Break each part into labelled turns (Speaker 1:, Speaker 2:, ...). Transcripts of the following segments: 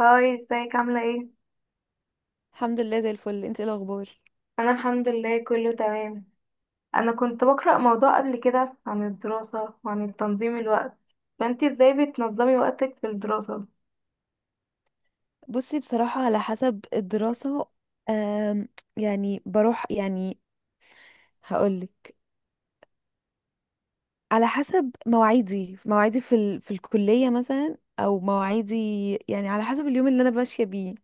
Speaker 1: هاي ازيك عاملة ايه؟
Speaker 2: الحمد لله زي الفل، انت ايه الاخبار؟
Speaker 1: أنا الحمد لله كله تمام. أنا كنت بقرأ موضوع قبل كده عن الدراسة وعن تنظيم الوقت، فأنتي ازاي بتنظمي وقتك في الدراسة؟
Speaker 2: بصي، بصراحة على حسب الدراسة. آم، يعني بروح. هقولك، على حسب مواعيدي في في الكلية مثلا او مواعيدي. يعني على حسب اليوم اللي انا ماشية بيه،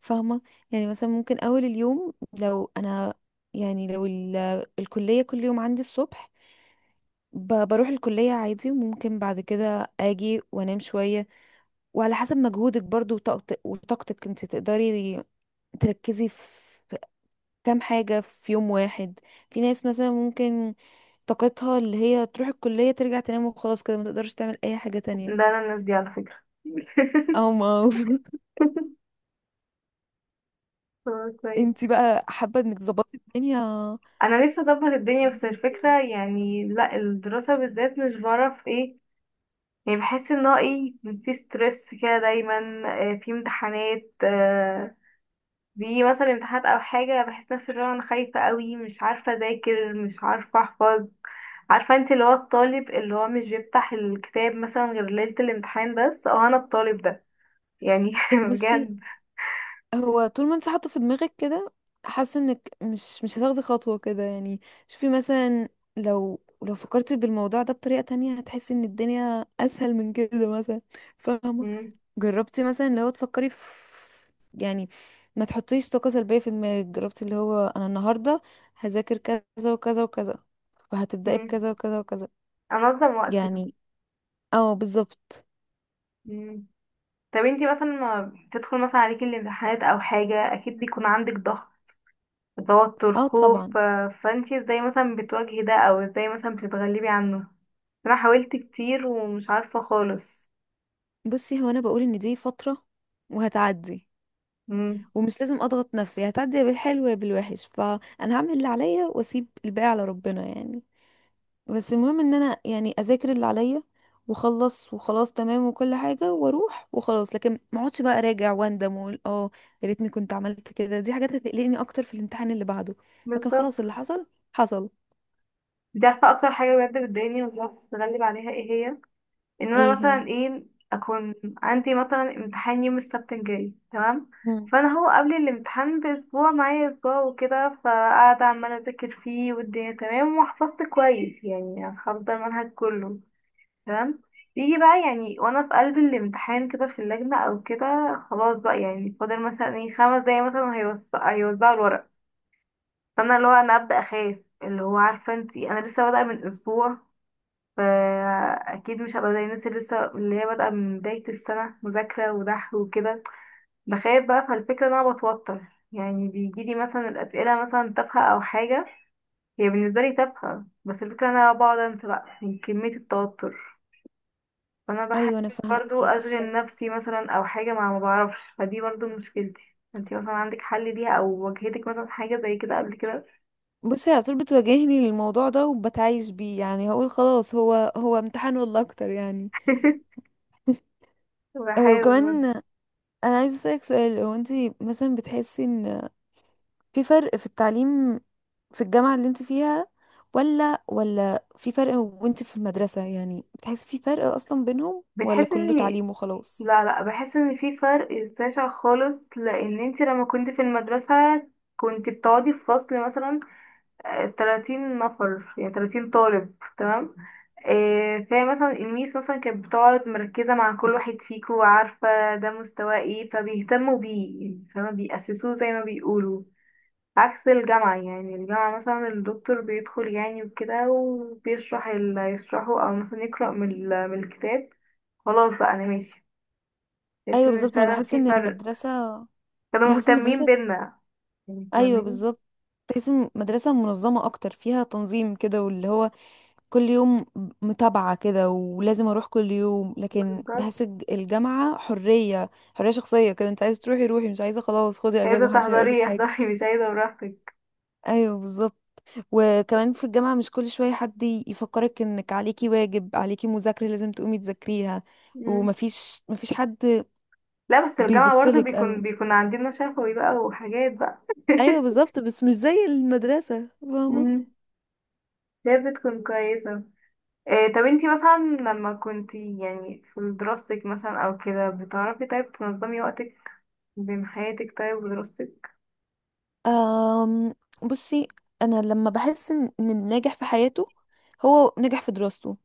Speaker 2: فاهمة؟ يعني مثلا ممكن اول اليوم لو انا، لو الكلية كل يوم عندي الصبح، بروح الكلية عادي وممكن بعد كده اجي وانام شوية. وعلى حسب مجهودك برضو وطاقتك انت تقدري تركزي في كام حاجة في يوم واحد. في ناس مثلا ممكن طاقتها اللي هي تروح الكلية ترجع تنام وخلاص كده ما تقدرش تعمل أي حاجة
Speaker 1: ده
Speaker 2: تانية.
Speaker 1: أنا الناس دي على فكرة
Speaker 2: أو ما
Speaker 1: آه، كويس.
Speaker 2: انتي بقى حابة انك تظبطي الدنيا.
Speaker 1: أنا نفسي أظبط الدنيا، بس الفكرة يعني لأ، الدراسة بالذات مش بعرف ايه، يعني بحس ان هو ايه، في ستريس كده دايما. آه، في امتحانات، بيجي مثلا امتحانات او حاجه، بحس نفسي اللي هو انا خايفه قوي، مش عارفه اذاكر، مش عارفه احفظ. عارفه انت اللي هو الطالب اللي هو مش بيفتح الكتاب مثلا غير ليله الامتحان بس؟ اه انا الطالب ده يعني
Speaker 2: بصي،
Speaker 1: بجد.
Speaker 2: هو طول ما انت حاطه في دماغك كده، حاسه انك مش هتاخدي خطوه كده يعني. شوفي مثلا، لو فكرتي بالموضوع ده بطريقه تانية هتحسي ان الدنيا اسهل من كده مثلا، فاهمه؟
Speaker 1: مم.
Speaker 2: جربتي مثلا لو تفكري في، يعني ما تحطيش طاقه سلبيه في دماغك. جربتي اللي هو انا النهارده هذاكر كذا وكذا وكذا، وهتبداي
Speaker 1: مم.
Speaker 2: بكذا وكذا وكذا،
Speaker 1: انظم وقتي.
Speaker 2: يعني. اه بالظبط.
Speaker 1: مم. طب انتي مثلا ما بتدخل مثلا عليكي الامتحانات او حاجه، اكيد بيكون عندك ضغط، توتر،
Speaker 2: اه طبعا.
Speaker 1: خوف، فانتي ازاي مثلا بتواجهي ده، او ازاي مثلا بتتغلبي عنه؟ انا حاولت كتير ومش عارفه خالص.
Speaker 2: بصي، هو انا بقول ان دي فتره وهتعدي، ومش لازم اضغط نفسي. هتعدي يا بالحلو يا بالوحش، فانا هعمل اللي عليا واسيب الباقي على ربنا يعني. بس المهم ان انا يعني اذاكر اللي عليا واخلص وخلاص تمام وكل حاجه واروح وخلاص. لكن ما اقعدش بقى اراجع واندم واقول اه يا ريتني كنت عملت كده. دي حاجات هتقلقني اكتر في الامتحان اللي بعده. لكن خلاص،
Speaker 1: بالظبط.
Speaker 2: اللي حصل حصل.
Speaker 1: دي عارفة أكتر حاجة بجد بتضايقني ومش عارفة أتغلب عليها ايه هي؟ إن أنا
Speaker 2: ايه هي؟
Speaker 1: مثلا ايه، أكون عندي مثلا امتحان يوم السبت الجاي تمام،
Speaker 2: مم.
Speaker 1: فأنا هو قبل الامتحان بأسبوع، معايا أسبوع وكده، فقاعدة عمالة أذاكر فيه والدنيا تمام، وحفظت كويس يعني حافظة المنهج كله تمام. يجي بقى يعني وأنا في قلب الامتحان كده، في اللجنة أو كده، خلاص بقى يعني فاضل مثلا ايه، 5 دقايق مثلا هيوزعوا الورق، فانا اللي هو انا ابدا اخاف. اللي هو عارفه انتي، انا لسه بادئه من اسبوع، فاكيد مش هبقى زي الناس اللي لسه اللي هي بادئه من بدايه السنه مذاكره ودحر وكده. بخاف بقى، فالفكره ان انا بتوتر، يعني بيجيلي مثلا الاسئله مثلا تافهه او حاجه، هي بالنسبه لي تافهه، بس الفكره ان انا بقعد انسى بقى من كميه التوتر. فانا بحاول
Speaker 2: ايوه انا
Speaker 1: برضو
Speaker 2: فاهماكي
Speaker 1: اشغل نفسي مثلا او حاجه، مع ما بعرفش، فدي برضو مشكلتي. انتي مثلا عندك حل ليها، او واجهتك مثلا حاجه زي كده قبل كده؟
Speaker 2: بصي، على طول بتواجهني الموضوع ده وبتعايش بيه. يعني هقول خلاص، هو هو امتحان والله اكتر يعني. أه
Speaker 1: بحاول.
Speaker 2: وكمان، انا عايزه اسالك سؤال. هو انت مثلا بتحسي ان في فرق في التعليم في الجامعه اللي انت فيها ولا في فرق وانت في المدرسه؟ يعني بتحسي في فرق اصلا بينهم ولا
Speaker 1: بتحس
Speaker 2: كله
Speaker 1: ان،
Speaker 2: تعليم وخلاص؟
Speaker 1: لا لا، بحس ان في فرق شاسع خالص، لان انت لما كنت في المدرسة كنت بتقعدي في فصل مثلا، آه، 30 نفر يعني 30 طالب تمام، آه، فهي مثلا الميس مثلا كانت بتقعد مركزة مع كل واحد فيكو وعارفة ده مستواه ايه، فبيهتموا بيه يعني، فما بيأسسوه زي ما بيقولوا. عكس الجامعة، يعني الجامعة مثلا الدكتور بيدخل يعني وكده وبيشرح اللي هيشرحه، أو مثلا يقرأ من من الكتاب، خلاص بقى انا ماشي. تحس
Speaker 2: ايوه
Speaker 1: ان
Speaker 2: بالظبط، انا
Speaker 1: فعلا
Speaker 2: بحس
Speaker 1: في
Speaker 2: ان
Speaker 1: فرق،
Speaker 2: المدرسه،
Speaker 1: كانوا
Speaker 2: بحس
Speaker 1: مهتمين
Speaker 2: المدرسه.
Speaker 1: بينا، يعني
Speaker 2: ايوه
Speaker 1: فاهماني؟
Speaker 2: بالظبط. تحس إن مدرسة منظمة اكتر، فيها تنظيم كده واللي هو كل يوم متابعة كده ولازم اروح كل يوم. لكن
Speaker 1: بالظبط.
Speaker 2: بحس الجامعة حرية، حرية شخصية كده. انت عايزة تروحي روحي، مش عايزة خلاص خدي
Speaker 1: عايزة
Speaker 2: اجازة، محدش هيقولك
Speaker 1: تحضري
Speaker 2: حاجة.
Speaker 1: احضري، مش عايزة براحتك.
Speaker 2: ايوه بالظبط. وكمان في الجامعة مش كل شوية حد يفكرك انك عليكي واجب، عليكي مذاكرة لازم تقومي تذاكريها.
Speaker 1: مم.
Speaker 2: ومفيش حد
Speaker 1: لا بس الجامعة برضه
Speaker 2: بيبصلك
Speaker 1: بيكون
Speaker 2: قوي.
Speaker 1: بيكون عندنا شفوي بقى وحاجات بقى.
Speaker 2: ايوه بالظبط، بس مش زي المدرسة، فاهمة؟
Speaker 1: مم. هي بتكون كويسة. إيه، طب انتي مثلا لما كنتي يعني في دراستك مثلا او كده، بتعرفي طيب تنظمي وقتك بين حياتك طيب ودراستك؟
Speaker 2: أم، بصي، انا لما بحس ان إن الناجح في حياته هو ناجح في دراسته.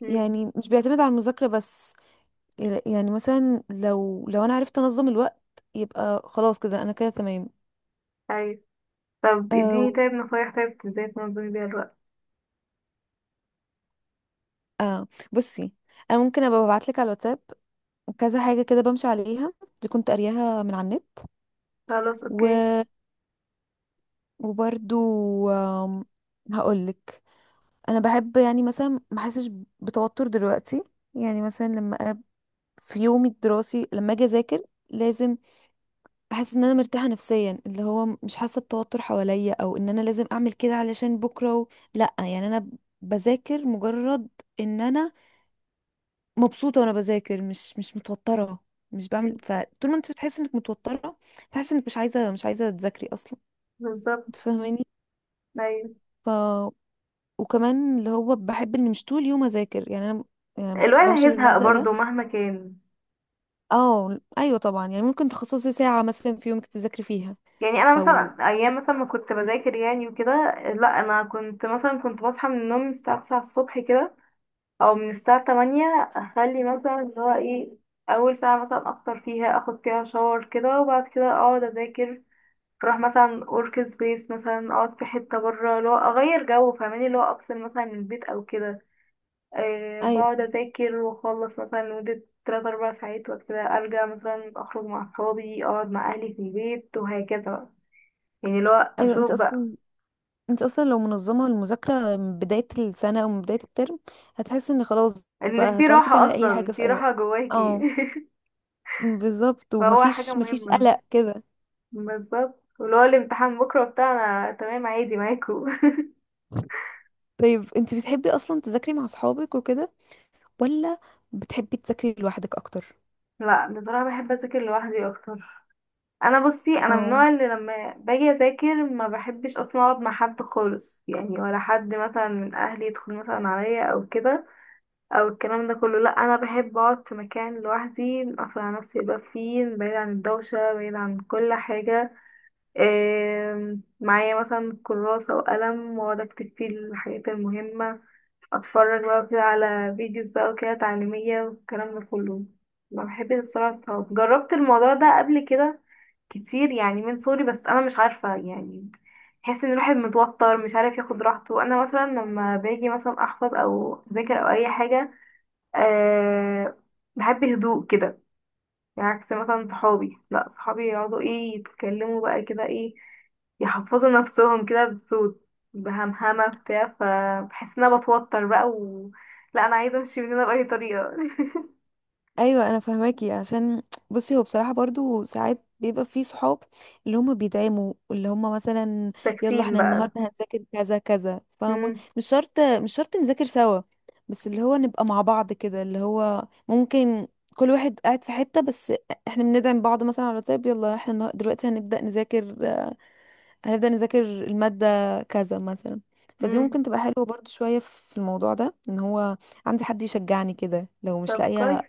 Speaker 1: مم.
Speaker 2: يعني مش بيعتمد على المذاكرة بس. يعني مثلا لو انا عرفت انظم الوقت، يبقى خلاص كده انا كده تمام.
Speaker 1: طيب، طب اديني
Speaker 2: أو
Speaker 1: طيب نصايح، طيب ازاي تنظمي بيها الوقت؟
Speaker 2: اه، بصي، انا ممكن ابقى ابعت لك على الواتساب كذا حاجة كده بمشي عليها. دي كنت قارياها من على النت.
Speaker 1: خلاص اوكي.
Speaker 2: و... وبرضو هقول لك، انا بحب يعني مثلا ما احسش بتوتر دلوقتي. يعني مثلا لما في يومي الدراسي لما اجي اذاكر، لازم احس ان انا مرتاحه نفسيا، اللي هو مش حاسه بتوتر حواليا او ان انا لازم اعمل كده علشان بكره لا. يعني انا بذاكر مجرد ان انا مبسوطه وانا بذاكر، مش متوتره، مش بعمل.
Speaker 1: مم.
Speaker 2: فطول ما انت بتحس انك متوتره، تحس انك مش عايزه تذاكري اصلا، انت
Speaker 1: بالظبط.
Speaker 2: فاهماني؟
Speaker 1: أيوة.
Speaker 2: ف وكمان اللي هو بحب ان مش طول يوم اذاكر يعني انا، يعني
Speaker 1: الواحد
Speaker 2: بمشي
Speaker 1: هيزهق
Speaker 2: بالمبدأ ده.
Speaker 1: برضه مهما كان.
Speaker 2: اه ايوه طبعا، يعني ممكن تخصصي ساعه مثلا في يومك تذاكري فيها.
Speaker 1: يعني انا
Speaker 2: او
Speaker 1: مثلا ايام مثلا ما كنت بذاكر يعني وكده، لا انا كنت مثلا كنت بصحى من النوم من الساعه 9 الصبح كده، او من الساعه 8، اخلي مثلا اللي هو ايه، اول ساعه مثلا افطر فيها، اخد فيها شاور كده، وبعد كده اقعد اذاكر. اروح مثلا اورك سبيس مثلا، اقعد في حته بره، اللي هو اغير جو، فاهماني، اللي هو افصل مثلا من البيت او كده. أه،
Speaker 2: ايوه
Speaker 1: بقعد أذاكر وأخلص مثلا لمدة 3 أربع ساعات، وكده أرجع مثلا أخرج مع أصحابي، أقعد مع أهلي في البيت، وهكذا بقى. يعني لو
Speaker 2: ايوه، انت
Speaker 1: أشوف بقى،
Speaker 2: اصلا، انت اصلا لو منظمه المذاكره من بدايه السنه او من بدايه الترم، هتحس ان خلاص
Speaker 1: إن
Speaker 2: بقى
Speaker 1: في
Speaker 2: هتعرفي
Speaker 1: راحة،
Speaker 2: تعملي اي حاجه
Speaker 1: أصلا
Speaker 2: في
Speaker 1: في
Speaker 2: اي وقت.
Speaker 1: راحة جواكي.
Speaker 2: اه بالظبط،
Speaker 1: فهو حاجة
Speaker 2: ومفيش
Speaker 1: مهمة.
Speaker 2: قلق كده.
Speaker 1: بالظبط، ولو الامتحان بكرة بتاع، أنا تمام عادي معاكو.
Speaker 2: طيب انت بتحبي اصلا تذاكري مع اصحابك وكده، ولا بتحبي تذاكري لوحدك اكتر؟
Speaker 1: لا بصراحة بحب أذاكر لوحدي أكتر. انا بصي، انا من
Speaker 2: آه.
Speaker 1: النوع اللي لما باجي اذاكر ما بحبش اصلا اقعد مع حد خالص يعني، ولا حد مثلا من اهلي يدخل مثلا عليا او كده، او الكلام ده كله، لا، انا بحب اقعد في مكان لوحدي، اقفل على نفسي يبقى فيه، بعيد عن الدوشه، بعيد عن كل حاجه. إيه، معايا مثلا كراسه وقلم واقعد اكتب فيه الحاجات المهمه، اتفرج بقى كده على فيديوز بقى وكده تعليميه والكلام ده كله. ما بحبش بصراحه الصحاب، جربت الموضوع ده قبل كده كتير يعني من صغري، بس انا مش عارفه يعني، بحس ان الواحد متوتر مش عارف ياخد راحته. انا مثلا لما باجي مثلا احفظ او اذاكر او اي حاجه، أه، بحب الهدوء كده. يعني عكس مثلا صحابي، لا صحابي يقعدوا ايه، يتكلموا بقى كده ايه، يحفظوا نفسهم كده بصوت بهمهمة بتاع، فبحس ان انا بتوتر بقى، و لا انا عايزة امشي من هنا بأي طريقة.
Speaker 2: ايوه انا فاهماكي. عشان بصي، هو بصراحه برضو ساعات بيبقى في صحاب اللي هم بيدعموا، اللي هم مثلا يلا
Speaker 1: تكسين
Speaker 2: احنا
Speaker 1: بقى.
Speaker 2: النهارده هنذاكر كذا كذا، فاهمه؟
Speaker 1: مم.
Speaker 2: مش شرط نذاكر سوا، بس اللي هو نبقى مع بعض كده. اللي هو ممكن كل واحد قاعد في حته، بس احنا بندعم بعض مثلا على الواتساب، يلا احنا دلوقتي هنبدا نذاكر، هنبدا نذاكر الماده كذا مثلا. فدي
Speaker 1: مم.
Speaker 2: ممكن تبقى حلوه برضو شويه. في الموضوع ده ان هو عندي حد يشجعني كده، لو مش
Speaker 1: طب كويس.
Speaker 2: لاقيه،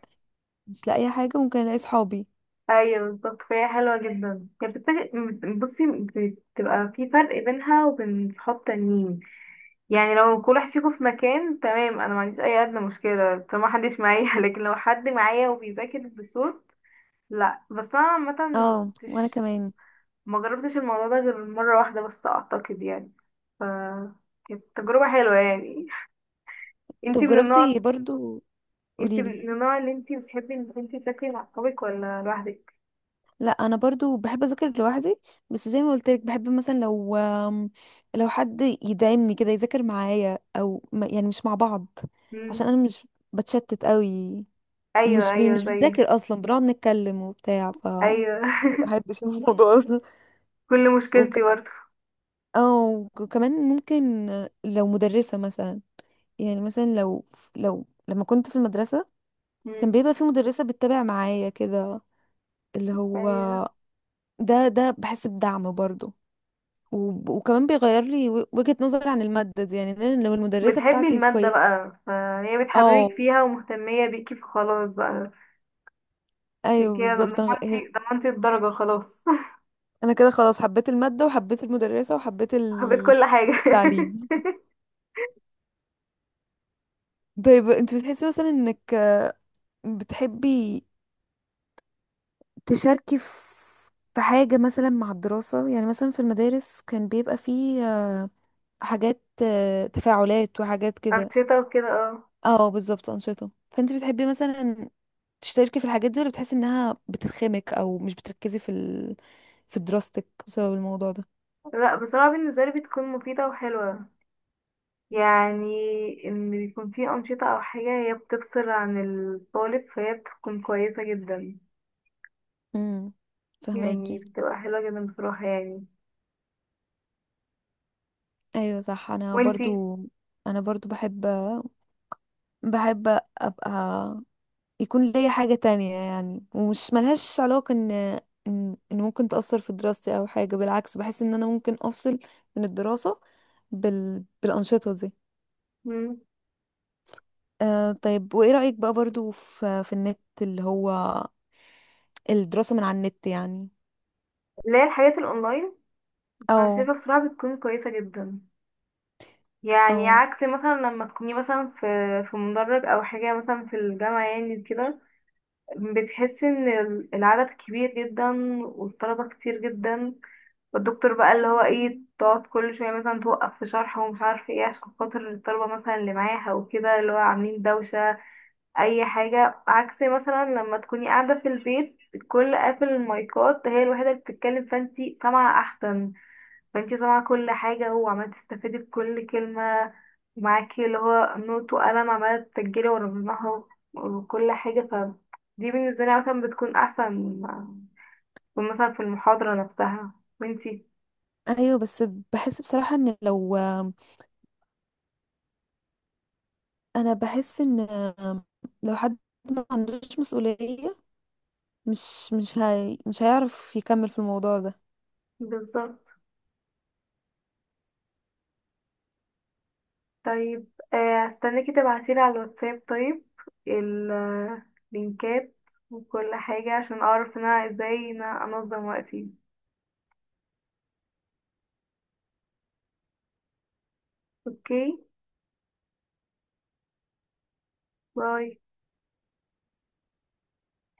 Speaker 2: مش لاقي حاجة، ممكن الاقي صحابي.
Speaker 1: ايوه بالظبط، فهي حلوة جدا يعني، بصي، بتبقى في فرق بينها وبين صحاب تانيين، يعني لو كل واحد فيكم في مكان تمام، انا ما عنديش اي ادنى مشكله طالما محدش معايا. لكن لو حد معايا وبيذاكر بصوت، لا بس انا عامه ما
Speaker 2: اه وانا
Speaker 1: كنتش،
Speaker 2: كمان.
Speaker 1: ما جربتش الموضوع ده غير مره واحده بس، اعتقد يعني، ف كانت تجربه حلوه يعني.
Speaker 2: طب
Speaker 1: انتي من النوع
Speaker 2: جربتي برضو،
Speaker 1: انتي من
Speaker 2: قوليلي.
Speaker 1: النوع اللي انتي بتحبي انك انتي تذاكري مع صحابك ولا لوحدك؟
Speaker 2: لا انا برضو بحب اذاكر لوحدي. بس زي ما قلت لك بحب مثلا لو لو حد يدعمني كده، يذاكر معايا او ما-، يعني مش مع بعض.
Speaker 1: مم.
Speaker 2: عشان انا مش بتشتت قوي،
Speaker 1: ايوه ايوه
Speaker 2: مش
Speaker 1: زي
Speaker 2: بنذاكر اصلا، بنقعد نتكلم وبتاع. ف ما
Speaker 1: ايوه.
Speaker 2: بحبش الموضوع ده.
Speaker 1: كل
Speaker 2: وك...
Speaker 1: مشكلتي برضه.
Speaker 2: اه وكمان ممكن لو مدرسة مثلا، يعني مثلا لو، لو لما كنت في المدرسة كان
Speaker 1: مم.
Speaker 2: بيبقى في مدرسة بتتابع معايا كده، اللي هو،
Speaker 1: ايوه.
Speaker 2: ده بحس بدعم برضه. وكمان بيغير لي وجهة نظري عن المادة دي. يعني لأن لو المدرسة
Speaker 1: بتحبي
Speaker 2: بتاعتي
Speaker 1: المادة
Speaker 2: كويسة،
Speaker 1: بقى، فهي بتحببك
Speaker 2: اه
Speaker 1: فيها ومهتمية بيكي، فخلاص بقى
Speaker 2: ايوه
Speaker 1: بيكي
Speaker 2: بالظبط.
Speaker 1: ضمنتي الدرجة خلاص.
Speaker 2: انا كده خلاص حبيت المادة وحبيت المدرسة وحبيت
Speaker 1: حبيت كل حاجة.
Speaker 2: التعليم. طيب انت بتحسي مثلا انك بتحبي تشاركي في في حاجة مثلا مع الدراسة؟ يعني مثلا في المدارس كان بيبقى فيه حاجات تفاعلات وحاجات كده.
Speaker 1: أنشطة وكده، اه.
Speaker 2: اه بالظبط، أنشطة. فانت بتحبي مثلا تشتركي في الحاجات دي، ولا بتحسي انها بتخمك او مش بتركزي في في دراستك بسبب الموضوع ده؟
Speaker 1: لا بصراحة بالنسبة لي بتكون مفيدة وحلوة يعني، إن بيكون في أنشطة أو حاجة هي بتفصل عن الطالب، فهي بتكون كويسة جدا.
Speaker 2: امم،
Speaker 1: يعني
Speaker 2: فهماكي.
Speaker 1: بتبقى حلوة جدا بصراحة يعني.
Speaker 2: ايوه صح، انا
Speaker 1: وانتي.
Speaker 2: برضو، انا برضو بحب، بحب ابقى يكون ليا حاجة تانية، يعني ومش ملهاش علاقة ان إن ممكن تأثر في دراستي او حاجة. بالعكس، بحس ان انا ممكن افصل من الدراسة بالأنشطة دي.
Speaker 1: مم.
Speaker 2: آه طيب، وايه رأيك بقى برضو في في النت، اللي هو الدراسة من على النت يعني؟
Speaker 1: اللي هي الحاجات الأونلاين. أنا
Speaker 2: او
Speaker 1: شايفة بصراحة بتكون كويسة جدا، يعني
Speaker 2: او
Speaker 1: عكس مثلا لما تكوني مثلا في في مدرج او حاجه مثلا في الجامعه يعني كده، بتحسي ان العدد كبير جدا، والطلبه كتير جدا، والدكتور بقى اللي هو ايه، تقعد كل شويه مثلا توقف في شرح ومش عارفه ايه عشان خاطر الطلبه مثلا اللي معاها وكده اللي هو عاملين دوشه اي حاجه. عكس مثلا لما تكوني قاعده في البيت، الكل قافل المايكات، هي الوحيده اللي بتتكلم، فانتي سامعه احسن، فانتي سامعة كل حاجة، وعمالة تستفيدي بكل كلمة، ومعاكي اللي هو نوت وقلم عمالة تسجلي ورا بعضها وكل حاجة. ف دي بالنسبة لي مثلا بتكون أحسن من مثلا في المحاضرة نفسها. وانتي؟
Speaker 2: ايوه، بس بحس بصراحة ان لو، انا بحس ان لو حد ما عندوش مسؤولية، مش هيعرف يكمل في الموضوع ده.
Speaker 1: بالظبط. طيب، هستناكي تبعتيلي على الواتساب طيب اللينكات وكل حاجة، عشان أعرف إن أنا ازاي إن أنا أنظم وقتي. اوكي، باي.